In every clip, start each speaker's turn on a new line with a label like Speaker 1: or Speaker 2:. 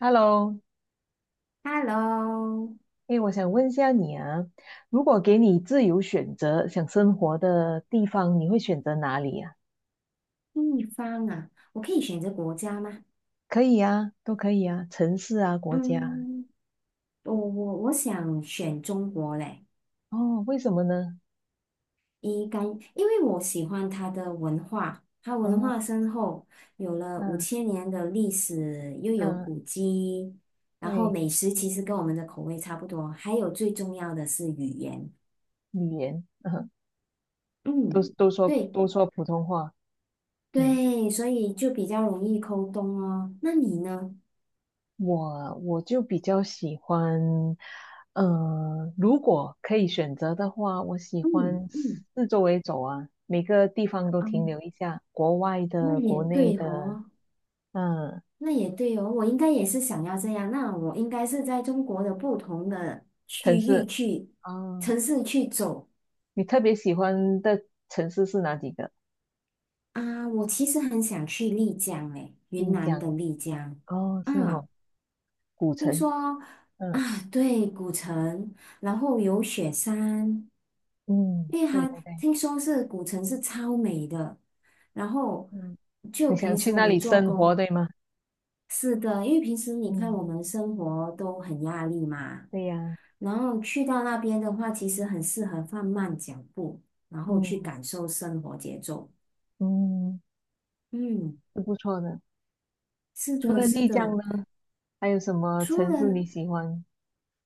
Speaker 1: Hello。
Speaker 2: Hello，
Speaker 1: 哎，我想问一下你啊，如果给你自由选择想生活的地方，你会选择哪里啊？
Speaker 2: 地方啊，我可以选择国家吗？
Speaker 1: 可以啊，都可以啊，城市啊，国家啊。
Speaker 2: 嗯，我想选中国嘞。
Speaker 1: 哦，为什么呢？
Speaker 2: 一干，因为我喜欢它的文化，它文
Speaker 1: 哦，
Speaker 2: 化深厚，有了五
Speaker 1: 嗯
Speaker 2: 千年的历史，又有
Speaker 1: 嗯，
Speaker 2: 古迹，然后
Speaker 1: 对，
Speaker 2: 美食其实跟我们的口味差不多，还有最重要的是语言。
Speaker 1: 语言，嗯，都
Speaker 2: 嗯，
Speaker 1: 都说
Speaker 2: 对
Speaker 1: 都说普通话。嗯，
Speaker 2: 对，所以就比较容易沟通哦。那你呢？
Speaker 1: 我就比较喜欢，如果可以选择的话，我喜
Speaker 2: 嗯
Speaker 1: 欢
Speaker 2: 嗯，
Speaker 1: 四周围走啊，每个地方都
Speaker 2: 哦，
Speaker 1: 停留一下，国外
Speaker 2: 那
Speaker 1: 的、
Speaker 2: 也
Speaker 1: 国内
Speaker 2: 对
Speaker 1: 的。
Speaker 2: 哦。
Speaker 1: 嗯，
Speaker 2: 那也对哦，我应该也是想要这样。那我应该是在中国的不同的区
Speaker 1: 城
Speaker 2: 域
Speaker 1: 市。
Speaker 2: 去
Speaker 1: 哦，
Speaker 2: 城市去走
Speaker 1: 你特别喜欢的城市是哪几个？
Speaker 2: 啊。我其实很想去丽江，诶，云
Speaker 1: 丽
Speaker 2: 南的
Speaker 1: 江。
Speaker 2: 丽江。
Speaker 1: 哦，是
Speaker 2: 啊，
Speaker 1: 哦，古
Speaker 2: 听
Speaker 1: 城。
Speaker 2: 说
Speaker 1: 嗯
Speaker 2: 啊，对，古城，然后有雪山，
Speaker 1: 嗯，
Speaker 2: 因为
Speaker 1: 对
Speaker 2: 它
Speaker 1: 对对。
Speaker 2: 听说是古城是超美的。然后
Speaker 1: 嗯，
Speaker 2: 就
Speaker 1: 你
Speaker 2: 平
Speaker 1: 想
Speaker 2: 时
Speaker 1: 去
Speaker 2: 我
Speaker 1: 那
Speaker 2: 们
Speaker 1: 里
Speaker 2: 做
Speaker 1: 生活，
Speaker 2: 工。
Speaker 1: 对吗？
Speaker 2: 是的，因为平时你看
Speaker 1: 嗯，
Speaker 2: 我们生活都很压力嘛，
Speaker 1: 对呀。
Speaker 2: 然后去到那边的话，其实很适合放慢脚步，然后去
Speaker 1: 嗯
Speaker 2: 感受生活节奏。
Speaker 1: 嗯，
Speaker 2: 嗯，
Speaker 1: 是不错的。
Speaker 2: 是
Speaker 1: 除
Speaker 2: 的，
Speaker 1: 了
Speaker 2: 是
Speaker 1: 丽江
Speaker 2: 的。
Speaker 1: 呢，还有什么
Speaker 2: 除
Speaker 1: 城市
Speaker 2: 了
Speaker 1: 你喜欢？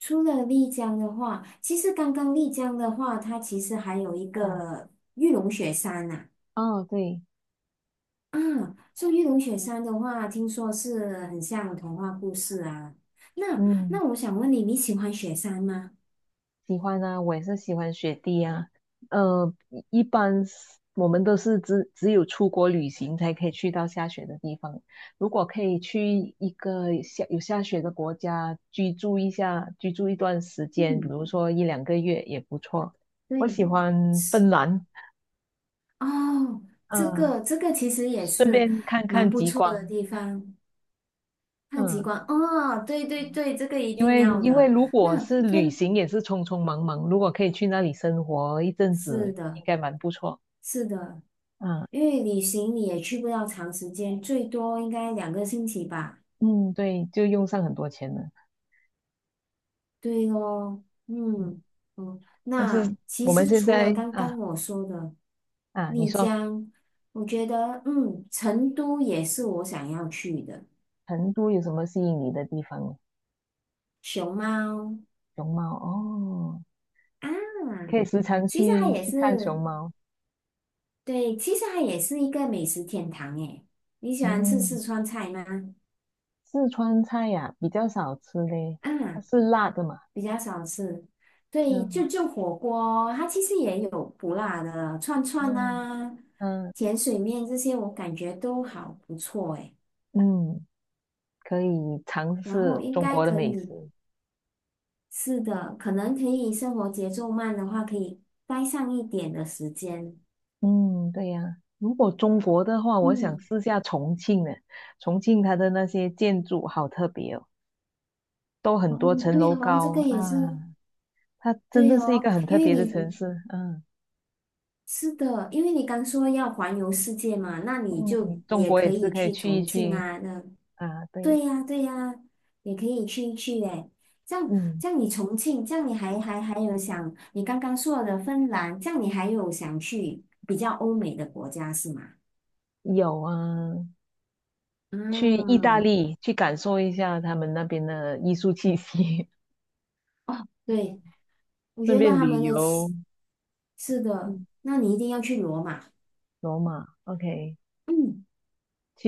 Speaker 2: 除了丽江的话，其实刚刚丽江的话，它其实还有一
Speaker 1: 嗯，
Speaker 2: 个玉龙雪山呐、啊。
Speaker 1: 哦，对，
Speaker 2: 啊，说玉龙雪山的话，听说是很像童话故事啊。那
Speaker 1: 嗯。
Speaker 2: 那我想问你，你喜欢雪山吗？
Speaker 1: 喜欢啊，我也是喜欢雪地啊。呃，一般是我们都是只有出国旅行才可以去到下雪的地方。如果可以去一个有下雪的国家居住一下，居住一段时间，比
Speaker 2: 嗯，
Speaker 1: 如说一两个月也不错。我
Speaker 2: 对。
Speaker 1: 喜欢
Speaker 2: 是。
Speaker 1: 芬兰，
Speaker 2: 哦，这
Speaker 1: 嗯，
Speaker 2: 个这个其实也
Speaker 1: 顺
Speaker 2: 是
Speaker 1: 便看看
Speaker 2: 不
Speaker 1: 极
Speaker 2: 错的
Speaker 1: 光。
Speaker 2: 地方，看极
Speaker 1: 嗯。
Speaker 2: 光。哦，对对对，这个一
Speaker 1: 因
Speaker 2: 定
Speaker 1: 为
Speaker 2: 要
Speaker 1: 因为
Speaker 2: 的。
Speaker 1: 如果
Speaker 2: 那
Speaker 1: 是旅
Speaker 2: 分，
Speaker 1: 行也是匆匆忙忙，如果可以去那里生活一阵
Speaker 2: 是
Speaker 1: 子，
Speaker 2: 的，
Speaker 1: 应该蛮不错。
Speaker 2: 是的，
Speaker 1: 嗯，
Speaker 2: 因为旅行你也去不了长时间，最多应该2个星期吧。
Speaker 1: 嗯，对，就用上很多钱了。
Speaker 2: 对咯，
Speaker 1: 嗯，
Speaker 2: 嗯嗯。
Speaker 1: 但
Speaker 2: 那
Speaker 1: 是我
Speaker 2: 其
Speaker 1: 们
Speaker 2: 实
Speaker 1: 现
Speaker 2: 除了
Speaker 1: 在
Speaker 2: 刚
Speaker 1: 啊
Speaker 2: 刚我说的
Speaker 1: 啊，你
Speaker 2: 丽
Speaker 1: 说
Speaker 2: 江，我觉得成都也是我想要去的。
Speaker 1: 成都有什么吸引你的地方。
Speaker 2: 熊猫，
Speaker 1: 熊猫哦，可
Speaker 2: 嗯，
Speaker 1: 以时常
Speaker 2: 其实它
Speaker 1: 去
Speaker 2: 也
Speaker 1: 去看熊
Speaker 2: 是。
Speaker 1: 猫。
Speaker 2: 对，其实它也是一个美食天堂诶。你喜欢吃
Speaker 1: 嗯，
Speaker 2: 四川菜吗？
Speaker 1: 四川菜呀、比较少吃嘞，
Speaker 2: 啊，
Speaker 1: 它是辣的嘛。
Speaker 2: 比较少吃。对，就
Speaker 1: 嗯
Speaker 2: 就火锅，它其实也有不辣的串串
Speaker 1: 嗯
Speaker 2: 啊、
Speaker 1: 嗯
Speaker 2: 甜水面这些，我感觉都好不错诶。
Speaker 1: 嗯，可以尝
Speaker 2: 然后
Speaker 1: 试
Speaker 2: 应
Speaker 1: 中
Speaker 2: 该
Speaker 1: 国的
Speaker 2: 可
Speaker 1: 美
Speaker 2: 以
Speaker 1: 食。
Speaker 2: 是的，可能可以生活节奏慢的话，可以待上一点的时间。
Speaker 1: 嗯，对呀、如果中国的话，我想
Speaker 2: 嗯，
Speaker 1: 试下重庆呢。重庆它的那些建筑好特别哦。都
Speaker 2: 哦，
Speaker 1: 很多层
Speaker 2: 对
Speaker 1: 楼
Speaker 2: 哦，这个
Speaker 1: 高
Speaker 2: 也是
Speaker 1: 啊，它真
Speaker 2: 对
Speaker 1: 的是一
Speaker 2: 哦，
Speaker 1: 个很
Speaker 2: 因
Speaker 1: 特
Speaker 2: 为
Speaker 1: 别的城
Speaker 2: 你
Speaker 1: 市。嗯
Speaker 2: 是的，因为你刚说要环游世界嘛，那你就
Speaker 1: 嗯，中
Speaker 2: 也
Speaker 1: 国
Speaker 2: 可
Speaker 1: 也是
Speaker 2: 以
Speaker 1: 可以
Speaker 2: 去
Speaker 1: 去一
Speaker 2: 重庆
Speaker 1: 去
Speaker 2: 啊，那
Speaker 1: 啊。对，
Speaker 2: 对呀，对呀，也可以去一去诶。这样，
Speaker 1: 嗯，
Speaker 2: 这样你重庆，这样你还有想，你刚刚说的芬兰，这样你还有想去比较欧美的国家是吗？
Speaker 1: 有啊，去意大
Speaker 2: 嗯，
Speaker 1: 利去感受一下他们那边的艺术气息，
Speaker 2: 哦，对，我觉
Speaker 1: 顺
Speaker 2: 得
Speaker 1: 便
Speaker 2: 他
Speaker 1: 旅
Speaker 2: 们的
Speaker 1: 游。
Speaker 2: 气是的，
Speaker 1: 嗯，
Speaker 2: 那你一定要去罗马。
Speaker 1: 罗马，OK。
Speaker 2: 嗯，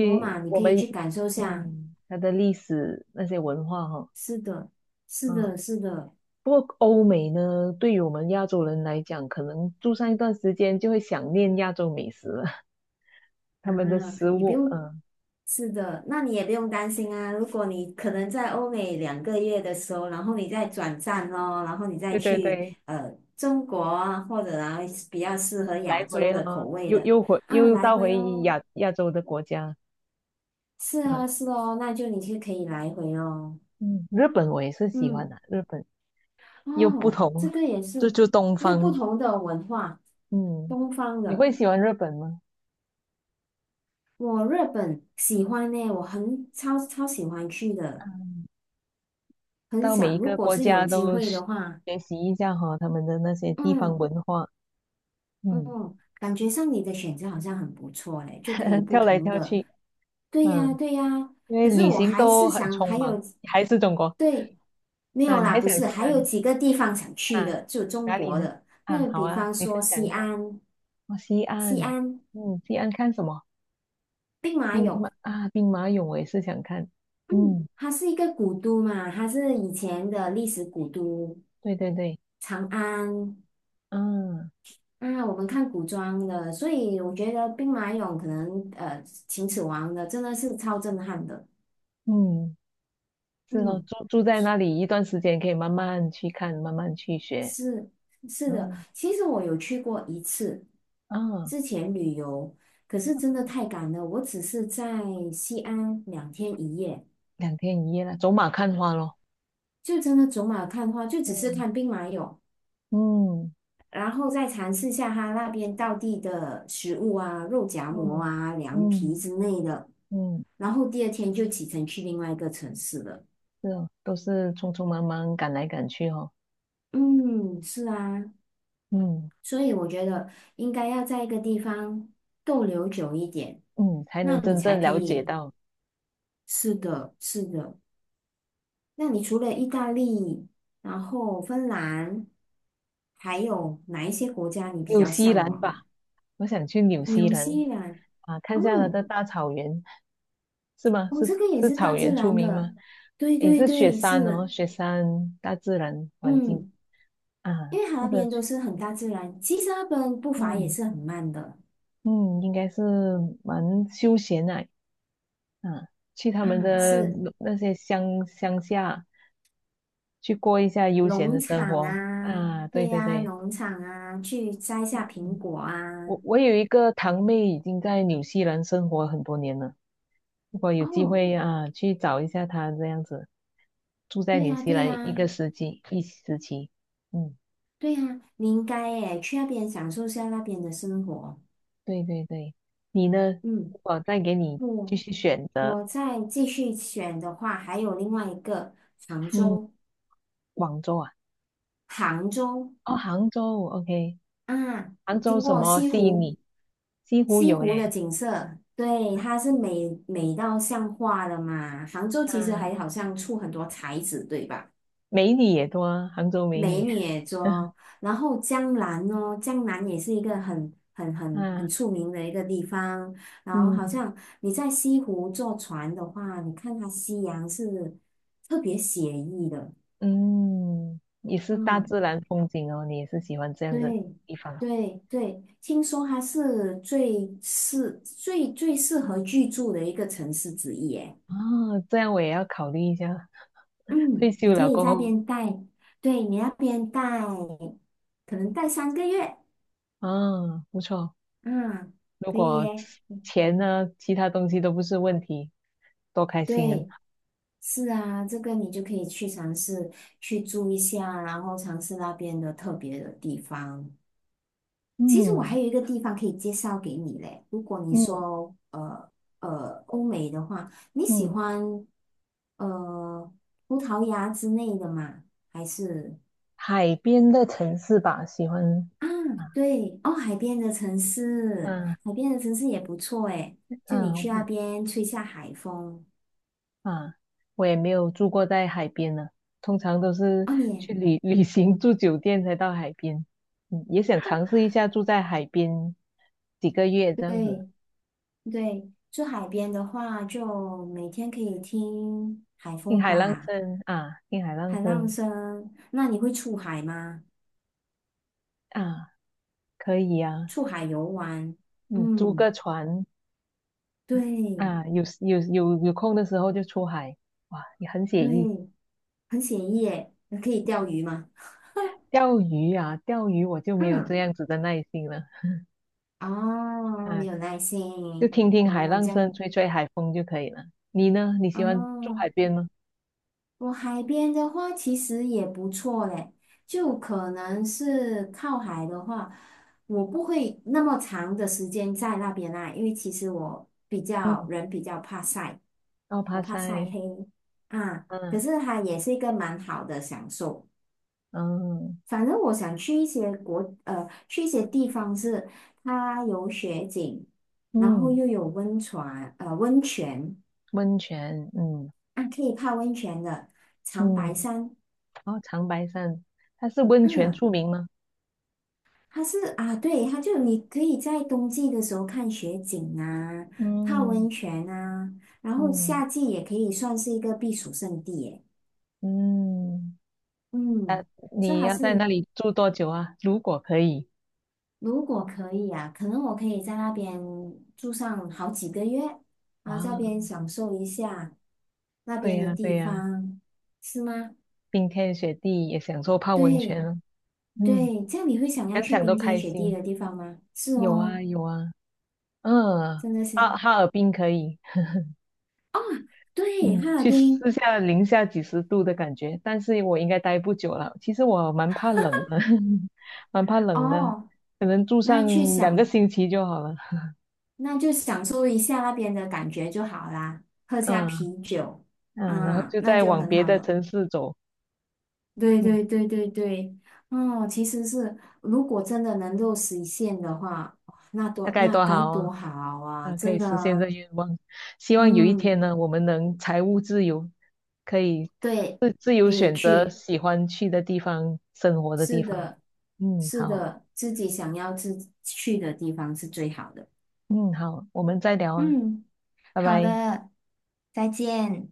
Speaker 2: 罗马你
Speaker 1: 我
Speaker 2: 可以
Speaker 1: 们
Speaker 2: 去感受下，
Speaker 1: 嗯它的历史那些文化哈。
Speaker 2: 是的，是
Speaker 1: 嗯。
Speaker 2: 的，是的。
Speaker 1: 不过欧美呢，对于我们亚洲人来讲，可能住上一段时间就会想念亚洲美食了。他
Speaker 2: 啊，
Speaker 1: 们的食
Speaker 2: 你不
Speaker 1: 物，
Speaker 2: 用，
Speaker 1: 嗯，
Speaker 2: 是的，那你也不用担心啊。如果你可能在欧美2个月的时候，然后你再转站哦，然后你再
Speaker 1: 对对
Speaker 2: 去
Speaker 1: 对，
Speaker 2: 中国啊，或者啊比较适合
Speaker 1: 来
Speaker 2: 亚洲
Speaker 1: 回
Speaker 2: 的口
Speaker 1: 哦，
Speaker 2: 味
Speaker 1: 又
Speaker 2: 的
Speaker 1: 又回
Speaker 2: 啊，
Speaker 1: 又
Speaker 2: 来
Speaker 1: 到
Speaker 2: 回
Speaker 1: 回
Speaker 2: 哦。
Speaker 1: 亚亚洲的国家。
Speaker 2: 是
Speaker 1: 嗯
Speaker 2: 啊，是哦，那就你就可以来回哦。
Speaker 1: 嗯，日本我也是喜欢
Speaker 2: 嗯，
Speaker 1: 的，日本又不
Speaker 2: 哦，这
Speaker 1: 同
Speaker 2: 个也
Speaker 1: 就
Speaker 2: 是
Speaker 1: 就东
Speaker 2: 又不
Speaker 1: 方。
Speaker 2: 同的文化，
Speaker 1: 嗯，
Speaker 2: 东方
Speaker 1: 你
Speaker 2: 的。
Speaker 1: 会喜欢日本吗？
Speaker 2: 我日本喜欢呢，我很超喜欢去的。很
Speaker 1: 到每
Speaker 2: 想，
Speaker 1: 一
Speaker 2: 如
Speaker 1: 个
Speaker 2: 果
Speaker 1: 国
Speaker 2: 是有
Speaker 1: 家
Speaker 2: 机
Speaker 1: 都
Speaker 2: 会
Speaker 1: 是
Speaker 2: 的话，
Speaker 1: 学习一下哈，他们的那些地方
Speaker 2: 嗯
Speaker 1: 文化。嗯，
Speaker 2: 嗯，感觉上你的选择好像很不错嘞，就可以 不
Speaker 1: 跳来
Speaker 2: 同
Speaker 1: 跳
Speaker 2: 的，
Speaker 1: 去。
Speaker 2: 对呀
Speaker 1: 嗯，
Speaker 2: 对呀。
Speaker 1: 因为
Speaker 2: 可是
Speaker 1: 旅
Speaker 2: 我
Speaker 1: 行
Speaker 2: 还
Speaker 1: 都
Speaker 2: 是
Speaker 1: 很
Speaker 2: 想
Speaker 1: 匆
Speaker 2: 还
Speaker 1: 忙，
Speaker 2: 有
Speaker 1: 还是中国。
Speaker 2: 对，没
Speaker 1: 啊？
Speaker 2: 有
Speaker 1: 你还
Speaker 2: 啦，不
Speaker 1: 想
Speaker 2: 是，
Speaker 1: 去
Speaker 2: 还
Speaker 1: 哪
Speaker 2: 有
Speaker 1: 里？
Speaker 2: 几个地方想去
Speaker 1: 啊，
Speaker 2: 的，就中
Speaker 1: 哪里
Speaker 2: 国
Speaker 1: 呢？
Speaker 2: 的，
Speaker 1: 啊，
Speaker 2: 那
Speaker 1: 好
Speaker 2: 比
Speaker 1: 啊，
Speaker 2: 方
Speaker 1: 你
Speaker 2: 说
Speaker 1: 分享
Speaker 2: 西
Speaker 1: 一下。
Speaker 2: 安。
Speaker 1: 哦，西
Speaker 2: 西
Speaker 1: 安。
Speaker 2: 安
Speaker 1: 嗯，西安看什么？
Speaker 2: 兵马
Speaker 1: 兵马
Speaker 2: 俑，
Speaker 1: 啊，兵马俑，我也是想看。
Speaker 2: 嗯，
Speaker 1: 嗯，
Speaker 2: 它是一个古都嘛，它是以前的历史古都，
Speaker 1: 对对对，
Speaker 2: 长安。
Speaker 1: 啊，
Speaker 2: 啊，我们看古装的，所以我觉得兵马俑可能秦始皇的真的是超震撼的。
Speaker 1: 嗯，是咯，
Speaker 2: 嗯，
Speaker 1: 住在那里一段时间，可以慢慢去看，慢慢去学。
Speaker 2: 是是的，
Speaker 1: 嗯
Speaker 2: 其实我有去过一次，
Speaker 1: 啊，
Speaker 2: 之前旅游，可是真的太赶了，我只是在西安2天1夜，
Speaker 1: 2天1夜了，走马看花咯。
Speaker 2: 就真的走马看花，就只是
Speaker 1: 嗯
Speaker 2: 看兵马俑，
Speaker 1: 嗯
Speaker 2: 然后再尝试下他那边道地的食物啊，肉夹馍
Speaker 1: 嗯
Speaker 2: 啊、凉皮
Speaker 1: 嗯
Speaker 2: 之类的，
Speaker 1: 嗯，
Speaker 2: 然后第二天就启程去另外一个城市了。
Speaker 1: 是哦，都是匆匆忙忙赶来赶去哦。
Speaker 2: 嗯，是啊，
Speaker 1: 嗯
Speaker 2: 所以我觉得应该要在一个地方逗留久一点，
Speaker 1: 嗯，才
Speaker 2: 那
Speaker 1: 能
Speaker 2: 你
Speaker 1: 真
Speaker 2: 才
Speaker 1: 正
Speaker 2: 可
Speaker 1: 了解
Speaker 2: 以。
Speaker 1: 到。
Speaker 2: 是的，是的。那你除了意大利，然后芬兰，还有哪一些国家你比
Speaker 1: 纽
Speaker 2: 较
Speaker 1: 西
Speaker 2: 向
Speaker 1: 兰
Speaker 2: 往
Speaker 1: 吧。
Speaker 2: 啊？
Speaker 1: 我想去纽西
Speaker 2: 纽
Speaker 1: 兰
Speaker 2: 西兰，
Speaker 1: 啊，看下拿
Speaker 2: 哦，
Speaker 1: 的大草原，是吗？
Speaker 2: 哦，
Speaker 1: 是
Speaker 2: 这个也
Speaker 1: 是
Speaker 2: 是大
Speaker 1: 草
Speaker 2: 自
Speaker 1: 原出
Speaker 2: 然
Speaker 1: 名吗？
Speaker 2: 的。对
Speaker 1: 也
Speaker 2: 对
Speaker 1: 是雪
Speaker 2: 对，
Speaker 1: 山哦，
Speaker 2: 是，
Speaker 1: 雪山大自然环境
Speaker 2: 嗯，
Speaker 1: 啊，
Speaker 2: 因为它
Speaker 1: 或
Speaker 2: 那
Speaker 1: 者
Speaker 2: 边都
Speaker 1: 去
Speaker 2: 是很大自然，其实那边步伐也
Speaker 1: 嗯
Speaker 2: 是很慢的
Speaker 1: 嗯，应该是蛮休闲的啊，去他们
Speaker 2: 啊，
Speaker 1: 的
Speaker 2: 是。
Speaker 1: 那些乡下去过一下悠闲
Speaker 2: 农
Speaker 1: 的生
Speaker 2: 场
Speaker 1: 活
Speaker 2: 啊，
Speaker 1: 啊。对
Speaker 2: 对
Speaker 1: 对
Speaker 2: 呀、
Speaker 1: 对，
Speaker 2: 农场啊，去摘下苹
Speaker 1: 嗯
Speaker 2: 果啊。
Speaker 1: 我有一个堂妹已经在纽西兰生活很多年了。如果有机
Speaker 2: 哦，
Speaker 1: 会啊，去找一下她这样子，住在
Speaker 2: 对
Speaker 1: 纽
Speaker 2: 呀、
Speaker 1: 西
Speaker 2: 对
Speaker 1: 兰一
Speaker 2: 呀、
Speaker 1: 个时期一时期。嗯，
Speaker 2: 对呀、你应该诶，去那边享受下那边的生活。
Speaker 1: 对对对。你呢？
Speaker 2: 嗯，
Speaker 1: 我再给你继
Speaker 2: 我
Speaker 1: 续选择。
Speaker 2: 我再继续选的话，还有另外一个杭
Speaker 1: 嗯，
Speaker 2: 州。
Speaker 1: 广州啊。
Speaker 2: 杭州
Speaker 1: 哦，杭州，OK。
Speaker 2: 啊，
Speaker 1: 杭
Speaker 2: 你
Speaker 1: 州
Speaker 2: 听
Speaker 1: 什
Speaker 2: 过
Speaker 1: 么
Speaker 2: 西
Speaker 1: 吸引
Speaker 2: 湖？
Speaker 1: 你？西湖
Speaker 2: 西
Speaker 1: 有
Speaker 2: 湖的
Speaker 1: 诶。
Speaker 2: 景色，对，它是美美到像画的嘛。杭州其实
Speaker 1: 嗯，
Speaker 2: 还好像出很多才子，对吧？
Speaker 1: 美女也多啊，杭州美
Speaker 2: 美
Speaker 1: 女，
Speaker 2: 女洲，然后江南哦，江南也是一个很很很
Speaker 1: 啊，
Speaker 2: 很出名的一个地方。然后好
Speaker 1: 嗯。
Speaker 2: 像你在西湖坐船的话，你看它夕阳是特别写意的。
Speaker 1: 嗯，也是大
Speaker 2: 嗯，
Speaker 1: 自然风景哦，你也是喜欢这样的
Speaker 2: 对
Speaker 1: 地方啊。
Speaker 2: 对对，听说它是最适合居住的一个城市之一。耶。
Speaker 1: 这样我也要考虑一下。
Speaker 2: 嗯，
Speaker 1: 退
Speaker 2: 你
Speaker 1: 休
Speaker 2: 可
Speaker 1: 了
Speaker 2: 以
Speaker 1: 过
Speaker 2: 在那
Speaker 1: 后，
Speaker 2: 边待，对你那边待，可能待3个月。
Speaker 1: 啊，不错。
Speaker 2: 嗯，
Speaker 1: 如
Speaker 2: 可以
Speaker 1: 果
Speaker 2: 耶。
Speaker 1: 钱呢，其他东西都不是问题，多开心啊！
Speaker 2: 对。是啊，这个你就可以去尝试去住一下，然后尝试那边的特别的地方。其实我
Speaker 1: 嗯
Speaker 2: 还有一个地方可以介绍给你嘞。如果你
Speaker 1: 嗯
Speaker 2: 说欧美的话，你喜
Speaker 1: 嗯，
Speaker 2: 欢呃葡萄牙之类的吗？还是
Speaker 1: 海边的城市吧，喜欢
Speaker 2: 啊
Speaker 1: 啊，
Speaker 2: 对哦海边的城市，
Speaker 1: 嗯、啊
Speaker 2: 海边的城市也不错诶。就你去那
Speaker 1: 嗯、
Speaker 2: 边吹下海风
Speaker 1: 啊，我也没有住过在海边呢，通常都是
Speaker 2: 哦，你也
Speaker 1: 去 旅行住酒店才到海边。嗯，也想尝试一下住在海边几个月这样子，
Speaker 2: 对。对，住海边的话，就每天可以听海
Speaker 1: 听
Speaker 2: 风
Speaker 1: 海浪
Speaker 2: 吧，
Speaker 1: 声啊，听海浪
Speaker 2: 海浪
Speaker 1: 声
Speaker 2: 声。那你会出海吗？
Speaker 1: 啊，可以啊。
Speaker 2: 出海游玩？
Speaker 1: 嗯，租
Speaker 2: 嗯，
Speaker 1: 个船
Speaker 2: 对
Speaker 1: 啊，有空的时候就出海。哇，也很写意。
Speaker 2: 对，很写意耶。那可以钓鱼吗？
Speaker 1: 钓鱼啊，钓鱼我就没有这
Speaker 2: 嗯，
Speaker 1: 样子的耐心了。
Speaker 2: 哦，没
Speaker 1: 啊，
Speaker 2: 有耐
Speaker 1: 就
Speaker 2: 心。
Speaker 1: 听听海
Speaker 2: 哦，
Speaker 1: 浪
Speaker 2: 这
Speaker 1: 声，
Speaker 2: 样。
Speaker 1: 吹吹海风就可以了。你呢？你喜欢住
Speaker 2: 哦，
Speaker 1: 海边吗？
Speaker 2: 我海边的话其实也不错嘞，就可能是靠海的话，我不会那么长的时间在那边啦，因为其实我比较
Speaker 1: 嗯。
Speaker 2: 人比较怕晒，
Speaker 1: 哦，
Speaker 2: 我
Speaker 1: 爬
Speaker 2: 怕晒
Speaker 1: 山
Speaker 2: 黑啊。可
Speaker 1: 嗯
Speaker 2: 是它也是一个蛮好的享受。
Speaker 1: 嗯
Speaker 2: 反正我想去一些国去一些地方是它有雪景，然后
Speaker 1: 嗯，
Speaker 2: 又有温泉温泉
Speaker 1: 温泉，嗯
Speaker 2: 啊，可以泡温泉的长白
Speaker 1: 嗯，
Speaker 2: 山。
Speaker 1: 哦，长白山，它是温泉
Speaker 2: 啊。
Speaker 1: 著名吗？
Speaker 2: 它是啊，对，它就你可以在冬季的时候看雪景啊，泡
Speaker 1: 嗯
Speaker 2: 温泉啊，然后
Speaker 1: 嗯
Speaker 2: 夏季也可以算是一个避暑胜地耶。
Speaker 1: 嗯，
Speaker 2: 嗯，所以
Speaker 1: 你
Speaker 2: 还
Speaker 1: 要
Speaker 2: 是
Speaker 1: 在那里住多久啊？如果可以，
Speaker 2: 如果可以啊，可能我可以在那边住上好几个月啊，这
Speaker 1: 哇，
Speaker 2: 边享受一下那
Speaker 1: 对
Speaker 2: 边的
Speaker 1: 呀对
Speaker 2: 地
Speaker 1: 呀，
Speaker 2: 方，是吗？
Speaker 1: 冰天雪地也享受泡温
Speaker 2: 对
Speaker 1: 泉了。嗯，
Speaker 2: 对，这样你会想要
Speaker 1: 想
Speaker 2: 去
Speaker 1: 想都
Speaker 2: 冰天
Speaker 1: 开
Speaker 2: 雪地
Speaker 1: 心。
Speaker 2: 的地方吗？是
Speaker 1: 有啊
Speaker 2: 哦，
Speaker 1: 有啊，嗯，
Speaker 2: 真的是。
Speaker 1: 哈尔滨可以。
Speaker 2: 哦对，
Speaker 1: 嗯，
Speaker 2: 哈尔
Speaker 1: 去
Speaker 2: 滨
Speaker 1: 试下零下几十度的感觉，但是我应该待不久了。其实我蛮怕冷的，蛮怕冷的，
Speaker 2: 哦，
Speaker 1: 可能住
Speaker 2: 那
Speaker 1: 上
Speaker 2: 去
Speaker 1: 两个
Speaker 2: 享，
Speaker 1: 星期就好了。
Speaker 2: 那就享受一下那边的感觉就好啦，喝下
Speaker 1: 嗯
Speaker 2: 啤酒，
Speaker 1: 嗯，然后
Speaker 2: 啊，
Speaker 1: 就
Speaker 2: 那
Speaker 1: 再
Speaker 2: 就
Speaker 1: 往
Speaker 2: 很
Speaker 1: 别
Speaker 2: 好
Speaker 1: 的
Speaker 2: 了。
Speaker 1: 城市走。
Speaker 2: 对
Speaker 1: 嗯，
Speaker 2: 对对对对，哦，其实是如果真的能够实现的话，哇那
Speaker 1: 大
Speaker 2: 多
Speaker 1: 概
Speaker 2: 那
Speaker 1: 多
Speaker 2: 该
Speaker 1: 好啊！
Speaker 2: 多好啊！
Speaker 1: 嗯，可
Speaker 2: 真
Speaker 1: 以
Speaker 2: 的
Speaker 1: 实现这
Speaker 2: 啊
Speaker 1: 愿望。希望有一
Speaker 2: 嗯，
Speaker 1: 天呢，我们能财务自由，可以
Speaker 2: 对，
Speaker 1: 自由
Speaker 2: 可以
Speaker 1: 选择
Speaker 2: 去，
Speaker 1: 喜欢去的地方、生活的
Speaker 2: 是
Speaker 1: 地方。
Speaker 2: 的，
Speaker 1: 嗯，
Speaker 2: 是
Speaker 1: 好。
Speaker 2: 的，自己想要自去的地方是最好的。
Speaker 1: 嗯，好，我们再聊啊。
Speaker 2: 嗯，
Speaker 1: 拜
Speaker 2: 好
Speaker 1: 拜。
Speaker 2: 的，再见。